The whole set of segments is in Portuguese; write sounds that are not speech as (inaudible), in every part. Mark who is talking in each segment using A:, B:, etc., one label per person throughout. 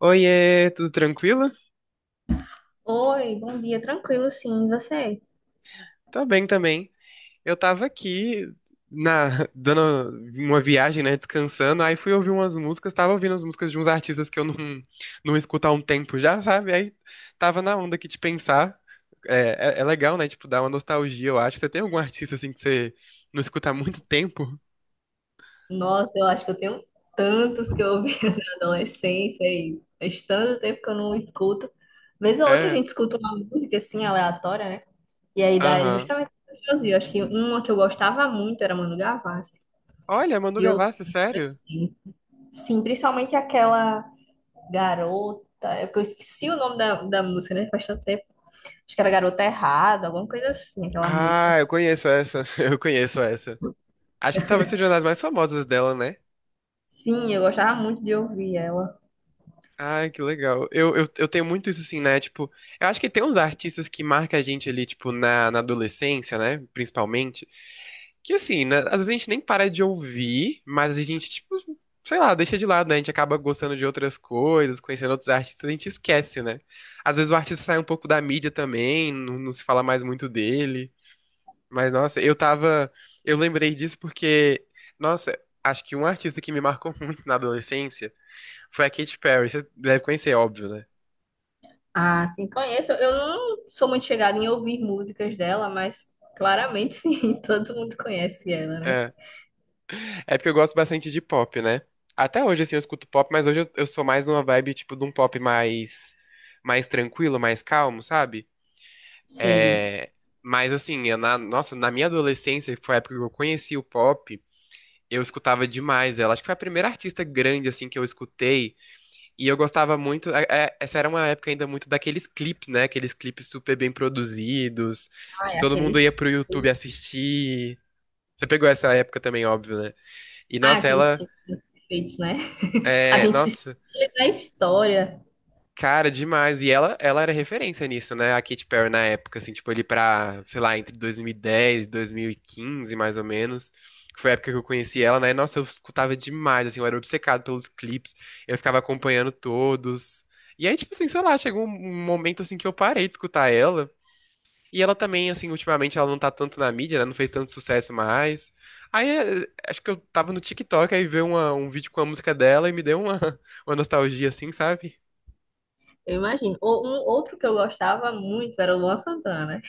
A: Oiê, tudo tranquilo?
B: Oi, bom dia, tranquilo, sim, e você?
A: Tá bem também. Eu tava aqui na (laughs) dando uma viagem, né, descansando, aí fui ouvir umas músicas, tava ouvindo as músicas de uns artistas que eu não (laughs) não escuto há um tempo já, sabe? Aí tava na onda aqui de pensar. É legal, né, tipo, dar uma nostalgia, eu acho. Você tem algum artista assim que você não escuta há muito (laughs) tempo?
B: Nossa, eu acho que eu tenho tantos que eu ouvi (laughs) na adolescência e faz tanto tempo que eu não escuto. Vez ou outra a
A: É.
B: gente escuta uma música assim, aleatória, né? E aí dá
A: Aham.
B: justamente o que eu ouvi. Eu acho que uma que eu gostava muito era Manu Gavassi,
A: Olha, Manu
B: de ouvir.
A: Gavassi, sério?
B: Assim. Sim, principalmente aquela garota. É porque eu esqueci o nome da música, né? Faz tanto tempo. Acho que era Garota Errada, alguma coisa assim, aquela música.
A: Ah, eu conheço essa. (laughs) Eu conheço essa. Acho que talvez seja uma das mais famosas dela, né?
B: Sim, eu gostava muito de ouvir ela.
A: Ai, que legal. Eu tenho muito isso assim, né? Tipo, eu acho que tem uns artistas que marcam a gente ali, tipo, na adolescência, né? Principalmente. Que assim, né? Às vezes a gente nem para de ouvir, mas a gente, tipo, sei lá, deixa de lado, né? A gente acaba gostando de outras coisas, conhecendo outros artistas, a gente esquece, né? Às vezes o artista sai um pouco da mídia também, não, não se fala mais muito dele. Mas, nossa, eu tava. Eu lembrei disso porque, nossa, acho que um artista que me marcou (laughs) muito na adolescência. Foi a Katy Perry, você deve conhecer, é óbvio, né?
B: Ah, sim, conheço. Eu não sou muito chegada em ouvir músicas dela, mas claramente sim, (laughs) todo mundo conhece ela, né?
A: É. É porque eu gosto bastante de pop, né? Até hoje, assim, eu escuto pop, mas hoje eu sou mais numa vibe, tipo, de um pop mais, mais tranquilo, mais calmo, sabe?
B: Sei.
A: É... Mas, assim, é na, nossa, na minha adolescência, que foi a época que eu conheci o pop, eu escutava demais ela. Acho que foi a primeira artista grande, assim, que eu escutei. E eu gostava muito. Essa era uma época ainda muito daqueles clipes, né? Aqueles clipes super bem produzidos,
B: Ah,
A: que
B: é
A: todo mundo ia
B: aqueles.
A: pro YouTube assistir. Você pegou essa época também, óbvio, né? E
B: Ah,
A: nossa,
B: aqueles
A: ela
B: clipes perfeitos, né? A
A: é,
B: gente se
A: nossa,
B: espelha na história,
A: cara, demais. E ela era referência nisso, né? A Katy Perry na época, assim, tipo, ali pra, sei lá, entre 2010 e 2015, mais ou menos. Que foi a época que eu conheci ela, né? Nossa, eu escutava demais, assim, eu era obcecado pelos clipes, eu ficava acompanhando todos. E aí, tipo assim, sei lá, chegou um momento assim que eu parei de escutar ela. E ela também, assim, ultimamente ela não tá tanto na mídia, né? Não fez tanto sucesso mais. Aí, acho que eu tava no TikTok, aí veio um vídeo com a música dela e me deu uma, (laughs) uma nostalgia, assim, sabe?
B: eu imagino. Ou um outro que eu gostava muito era o Luan Santana, né?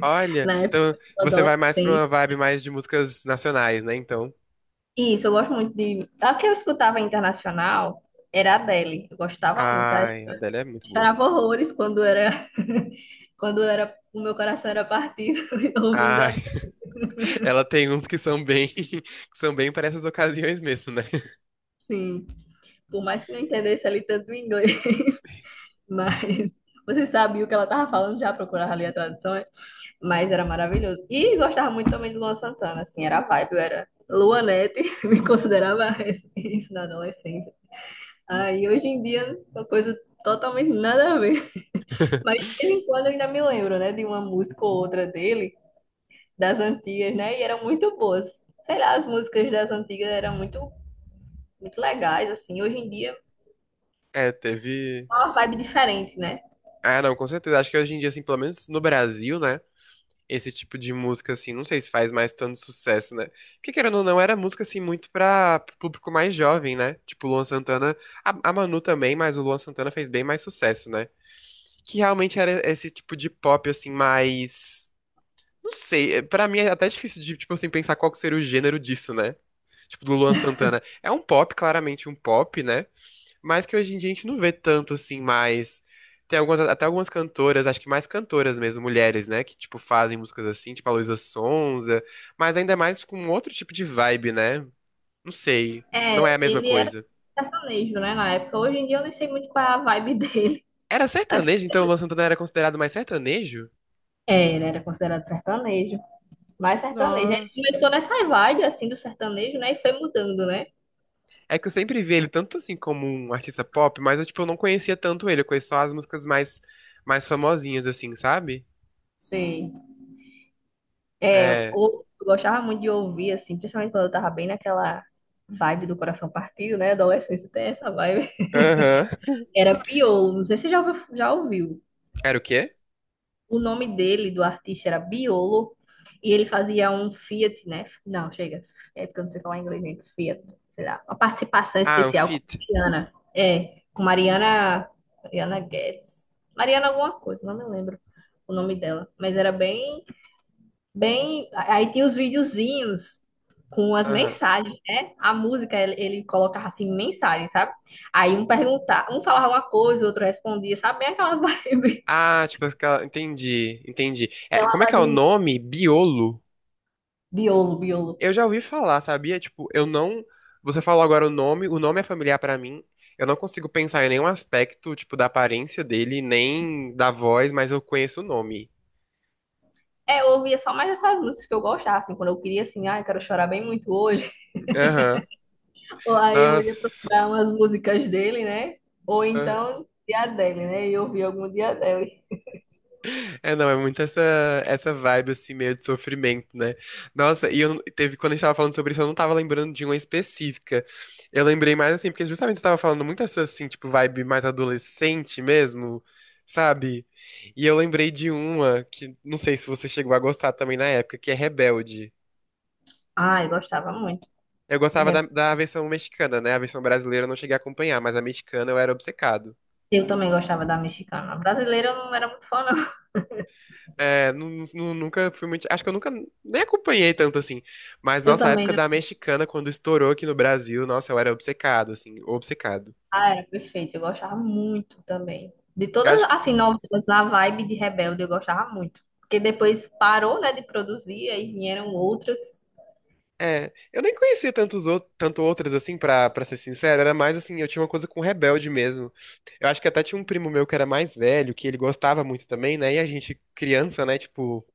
A: Olha,
B: Na época
A: então
B: do
A: você vai mais pra uma
B: adolescente.
A: vibe mais de músicas nacionais, né? Então,
B: Isso, eu gosto muito de. A que eu escutava internacional era a Adele. Eu gostava muito. Eu
A: ai, a Adele é muito boa.
B: chorava horrores quando era, (laughs) quando era, o meu coração era partido (laughs) ouvindo a.
A: Ai, (laughs) ela tem uns que são bem, (laughs) que são bem para essas ocasiões mesmo, né?
B: Sim, por mais que não entendesse ali tanto o inglês, (laughs) mas você sabia o que ela tava falando, já procurava ali a tradução, é? Mas era maravilhoso. E gostava muito também de Luan Santana, assim, era a vibe, eu era Luanete, (laughs) me considerava isso na adolescência. Aí hoje em dia, uma coisa totalmente nada a ver. Mas
A: (laughs)
B: de vez em quando eu ainda me lembro, né, de uma música ou outra dele, das antigas, né, e eram muito boas. Sei lá, as músicas das antigas eram muito, muito legais, assim, hoje em dia.
A: É, teve.
B: É uma vibe diferente, né?
A: Ah, não, com certeza. Acho que hoje em dia, assim, pelo menos no Brasil, né? Esse tipo de música, assim, não sei se faz mais tanto sucesso, né? Porque, querendo ou não, era música, assim, muito pra pro público mais jovem, né? Tipo, o Luan Santana, a Manu também, mas o Luan Santana fez bem mais sucesso, né? Que realmente era esse tipo de pop, assim, mais... Não sei, é, pra mim é até difícil de, tipo assim, pensar qual que seria o gênero disso, né? Tipo, do Luan Santana. É um pop, claramente um pop, né? Mas que hoje em dia a gente não vê tanto assim mais. Tem algumas, até algumas cantoras, acho que mais cantoras mesmo, mulheres, né? Que, tipo, fazem músicas assim, tipo a Luísa Sonza, mas ainda mais com outro tipo de vibe, né? Não sei. Não
B: É,
A: é a mesma
B: ele era
A: coisa.
B: sertanejo, né, na época. Hoje em dia eu nem sei muito qual é a vibe (laughs) dele.
A: Era
B: Mas,
A: sertanejo, então o Luan Santana era considerado mais sertanejo?
B: é, ele era considerado sertanejo. Mas sertanejo. Ele
A: Nossa.
B: começou nessa vibe, assim, do sertanejo, né? E foi mudando, né?
A: É que eu sempre vi ele tanto assim como um artista pop, mas eu, tipo, eu não conhecia tanto ele. Eu conheço só as músicas mais, mais famosinhas, assim, sabe?
B: Sim. É, eu,
A: É.
B: eu gostava muito de ouvir, assim, principalmente quando eu tava bem naquela vibe do coração partido, né? Adolescência tem essa vibe.
A: Aham.
B: Era Piolo. Não sei se você já ouviu, já ouviu.
A: Era o quê?
B: O nome dele, do artista, era Biolo, e ele fazia um Fiat, né? Não, chega. É porque eu não sei falar inglês, gente. Fiat, sei lá. Uma participação
A: Ah, o
B: especial com
A: Fit.
B: Mariana. É, com Mariana. Mariana Guedes. Mariana alguma coisa, não me lembro o nome dela. Mas era bem, bem. Aí tinha os videozinhos com as mensagens, né? A música, ele colocava assim, mensagens, sabe? Aí um perguntava, um falava uma coisa, o outro respondia, sabe? Bem aquela vibe.
A: Ah, tipo, entendi, entendi.
B: (laughs)
A: É,
B: Aquela
A: como é que é o
B: vibe.
A: nome? Biolo?
B: Biolo, biolo.
A: Eu já ouvi falar, sabia? Tipo, eu não. Você falou agora o nome é familiar pra mim. Eu não consigo pensar em nenhum aspecto, tipo, da aparência dele, nem da voz, mas eu conheço o nome.
B: É, eu ouvia só mais essas músicas que eu gostava, assim, quando eu queria, assim, ah, eu quero chorar bem muito hoje.
A: Aham.
B: (laughs) Ou aí eu ia
A: Nossa.
B: procurar umas músicas dele, né? Ou então, dia dele, né? E eu ouvia algum dia dele.
A: É, não, é muito essa vibe, assim, meio de sofrimento, né? Nossa, e eu, teve, quando a gente tava falando sobre isso, eu não tava lembrando de uma específica. Eu lembrei mais, assim, porque justamente você tava falando muito essa, assim, tipo, vibe mais adolescente mesmo, sabe? E eu lembrei de uma que, não sei se você chegou a gostar também na época, que é Rebelde.
B: Ah, eu gostava muito.
A: Eu
B: De
A: gostava
B: rap.
A: da versão mexicana, né? A versão brasileira eu não cheguei a acompanhar, mas a mexicana eu era obcecado.
B: Eu também gostava da mexicana. A Brasileira eu não era muito fã, não.
A: É, nunca fui muito. Acho que eu nunca nem acompanhei tanto assim. Mas
B: Eu
A: nossa, a
B: também
A: época
B: não.
A: da mexicana, quando estourou aqui no Brasil, nossa, eu era obcecado, assim, obcecado.
B: Ah, era perfeito. Eu gostava muito também. De
A: Eu
B: todas,
A: acho,
B: assim, novelas na vibe de Rebelde, eu gostava muito. Porque depois parou, né, de produzir, aí vieram outras.
A: é, eu nem conhecia tantos outros, tanto outras assim, pra, pra ser sincero. Era mais assim, eu tinha uma coisa com Rebelde mesmo. Eu acho que até tinha um primo meu que era mais velho, que ele gostava muito também, né? E a gente, criança, né? Tipo,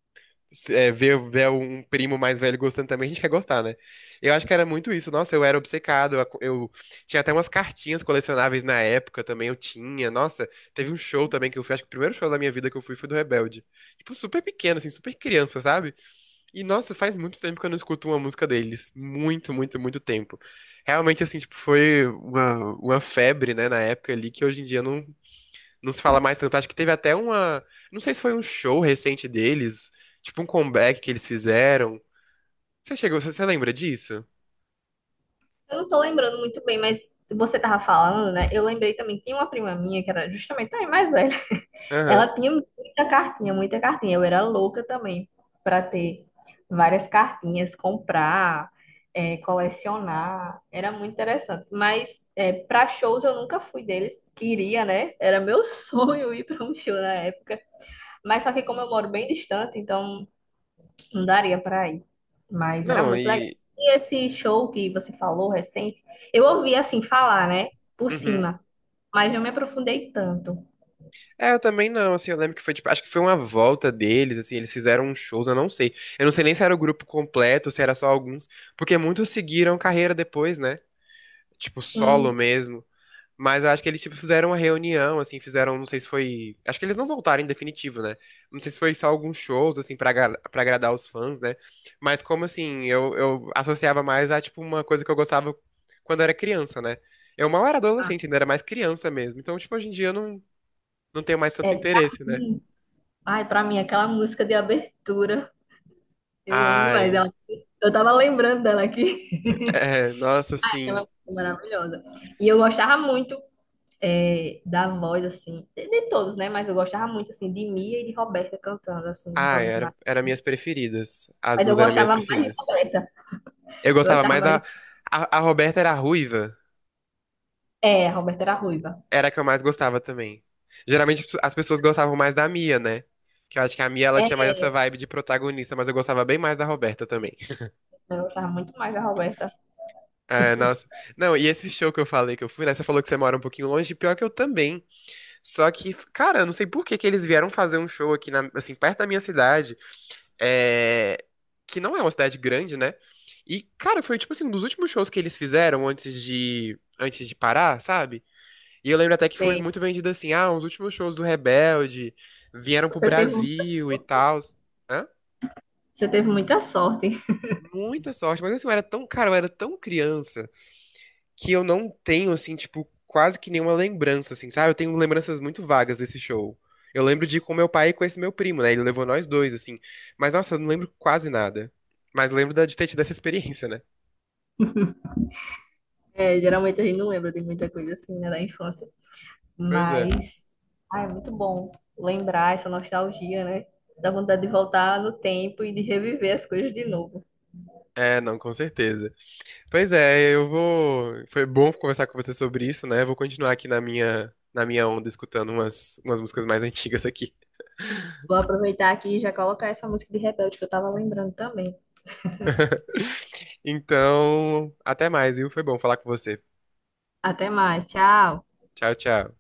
A: ver um primo mais velho gostando também, a gente quer gostar, né? Eu acho que era muito isso. Nossa, eu era obcecado. Eu tinha até umas cartinhas colecionáveis na época também, eu tinha. Nossa, teve um show também que eu fui, acho que o primeiro show da minha vida que eu fui foi do Rebelde. Tipo, super pequeno, assim, super criança, sabe? E nossa, faz muito tempo que eu não escuto uma música deles. Muito, muito, muito tempo. Realmente, assim, tipo, foi uma febre, né, na época ali, que hoje em dia não, não se fala mais tanto. Acho que teve até uma. Não sei se foi um show recente deles, tipo um comeback que eles fizeram. Você chegou, você lembra disso?
B: Eu não tô lembrando muito bem, mas você tava falando, né? Eu lembrei também, tinha uma prima minha que era justamente também mais velha.
A: Aham.
B: Ela tinha muita cartinha, muita cartinha. Eu era louca também pra ter várias cartinhas, comprar, é, colecionar. Era muito interessante. Mas é, para shows eu nunca fui deles. Queria, né? Era meu (laughs) sonho ir pra um show na época. Mas só que como eu moro bem distante, então não daria pra ir. Mas era
A: Não,
B: muito legal.
A: e.
B: E esse show que você falou recente, eu ouvi assim falar, né? Por
A: Uhum.
B: cima. Mas não me aprofundei tanto.
A: É, eu também não, assim, eu lembro que foi, tipo, acho que foi uma volta deles, assim, eles fizeram uns shows, eu não sei. Eu não sei nem se era o grupo completo, se era só alguns, porque muitos seguiram carreira depois, né? Tipo, solo
B: Sim.
A: mesmo. Mas eu acho que eles, tipo, fizeram uma reunião, assim, fizeram, não sei se foi. Acho que eles não voltaram em definitivo, né? Não sei se foi só alguns shows, assim, pra, pra agradar os fãs, né? Mas como assim, eu associava mais a, tipo, uma coisa que eu gostava quando eu era criança, né? Eu mal era
B: Ah,
A: adolescente, ainda era mais criança mesmo. Então, tipo, hoje em dia eu não, não tenho mais tanto
B: é pra
A: interesse, né?
B: mim. Ai, pra mim, aquela música de abertura. Eu amo demais
A: Ai,
B: ela. Eu tava lembrando dela aqui. (laughs)
A: é, nossa,
B: Aquela
A: assim.
B: música maravilhosa. E eu gostava muito é, da voz, assim, de todos, né? Mas eu gostava muito, assim, de Mia e de Roberta cantando, assim,
A: Ai,
B: vozes
A: era,
B: mais.
A: era minhas preferidas. As
B: Mas eu
A: duas eram minhas
B: gostava mais de
A: preferidas.
B: Roberta.
A: Eu
B: Eu
A: gostava
B: gostava
A: mais
B: mais.
A: da. A Roberta era ruiva.
B: É, a Roberta era ruiva.
A: Era a que eu mais gostava também. Geralmente as pessoas gostavam mais da Mia, né? Que eu acho que a Mia ela
B: É,
A: tinha mais essa vibe de protagonista, mas eu gostava bem mais da Roberta também.
B: eu gostava muito mais da Roberta.
A: Ah, nossa. Não, e esse show que eu falei que eu fui, né? Você falou que você mora um pouquinho longe, pior que eu também. Só que, cara, eu não sei por que que eles vieram fazer um show aqui, assim, perto da minha cidade, é, que não é uma cidade grande, né? E, cara, foi tipo assim, um dos últimos shows que eles fizeram antes de parar, sabe? E eu lembro até que foi
B: Sei.
A: muito vendido assim, ah, os últimos shows do Rebelde vieram pro
B: Você teve muita
A: Brasil e
B: sorte.
A: tal. Hã?
B: Você teve muita sorte.
A: Muita sorte, mas assim, eu era tão, cara, eu era tão criança que eu não tenho, assim, tipo, quase que nenhuma lembrança, assim, sabe? Eu tenho lembranças muito vagas desse show. Eu lembro de ir com meu pai e com esse meu primo, né? Ele levou nós dois, assim. Mas, nossa, eu não lembro quase nada. Mas lembro de ter tido essa experiência, né?
B: É, geralmente a gente não lembra de muita coisa assim, né, da infância.
A: Pois é.
B: Mas, ah, é muito bom lembrar essa nostalgia, né? Dá vontade de voltar no tempo e de reviver as coisas de novo.
A: É, não, com certeza. Pois é, eu vou. Foi bom conversar com você sobre isso, né? Vou continuar aqui na minha onda, escutando umas, umas músicas mais (laughs) antigas aqui.
B: Vou aproveitar aqui e já colocar essa música de Rebelde que eu tava lembrando também.
A: Então, até mais, viu? Foi bom falar com você.
B: Até mais, tchau!
A: Tchau, tchau.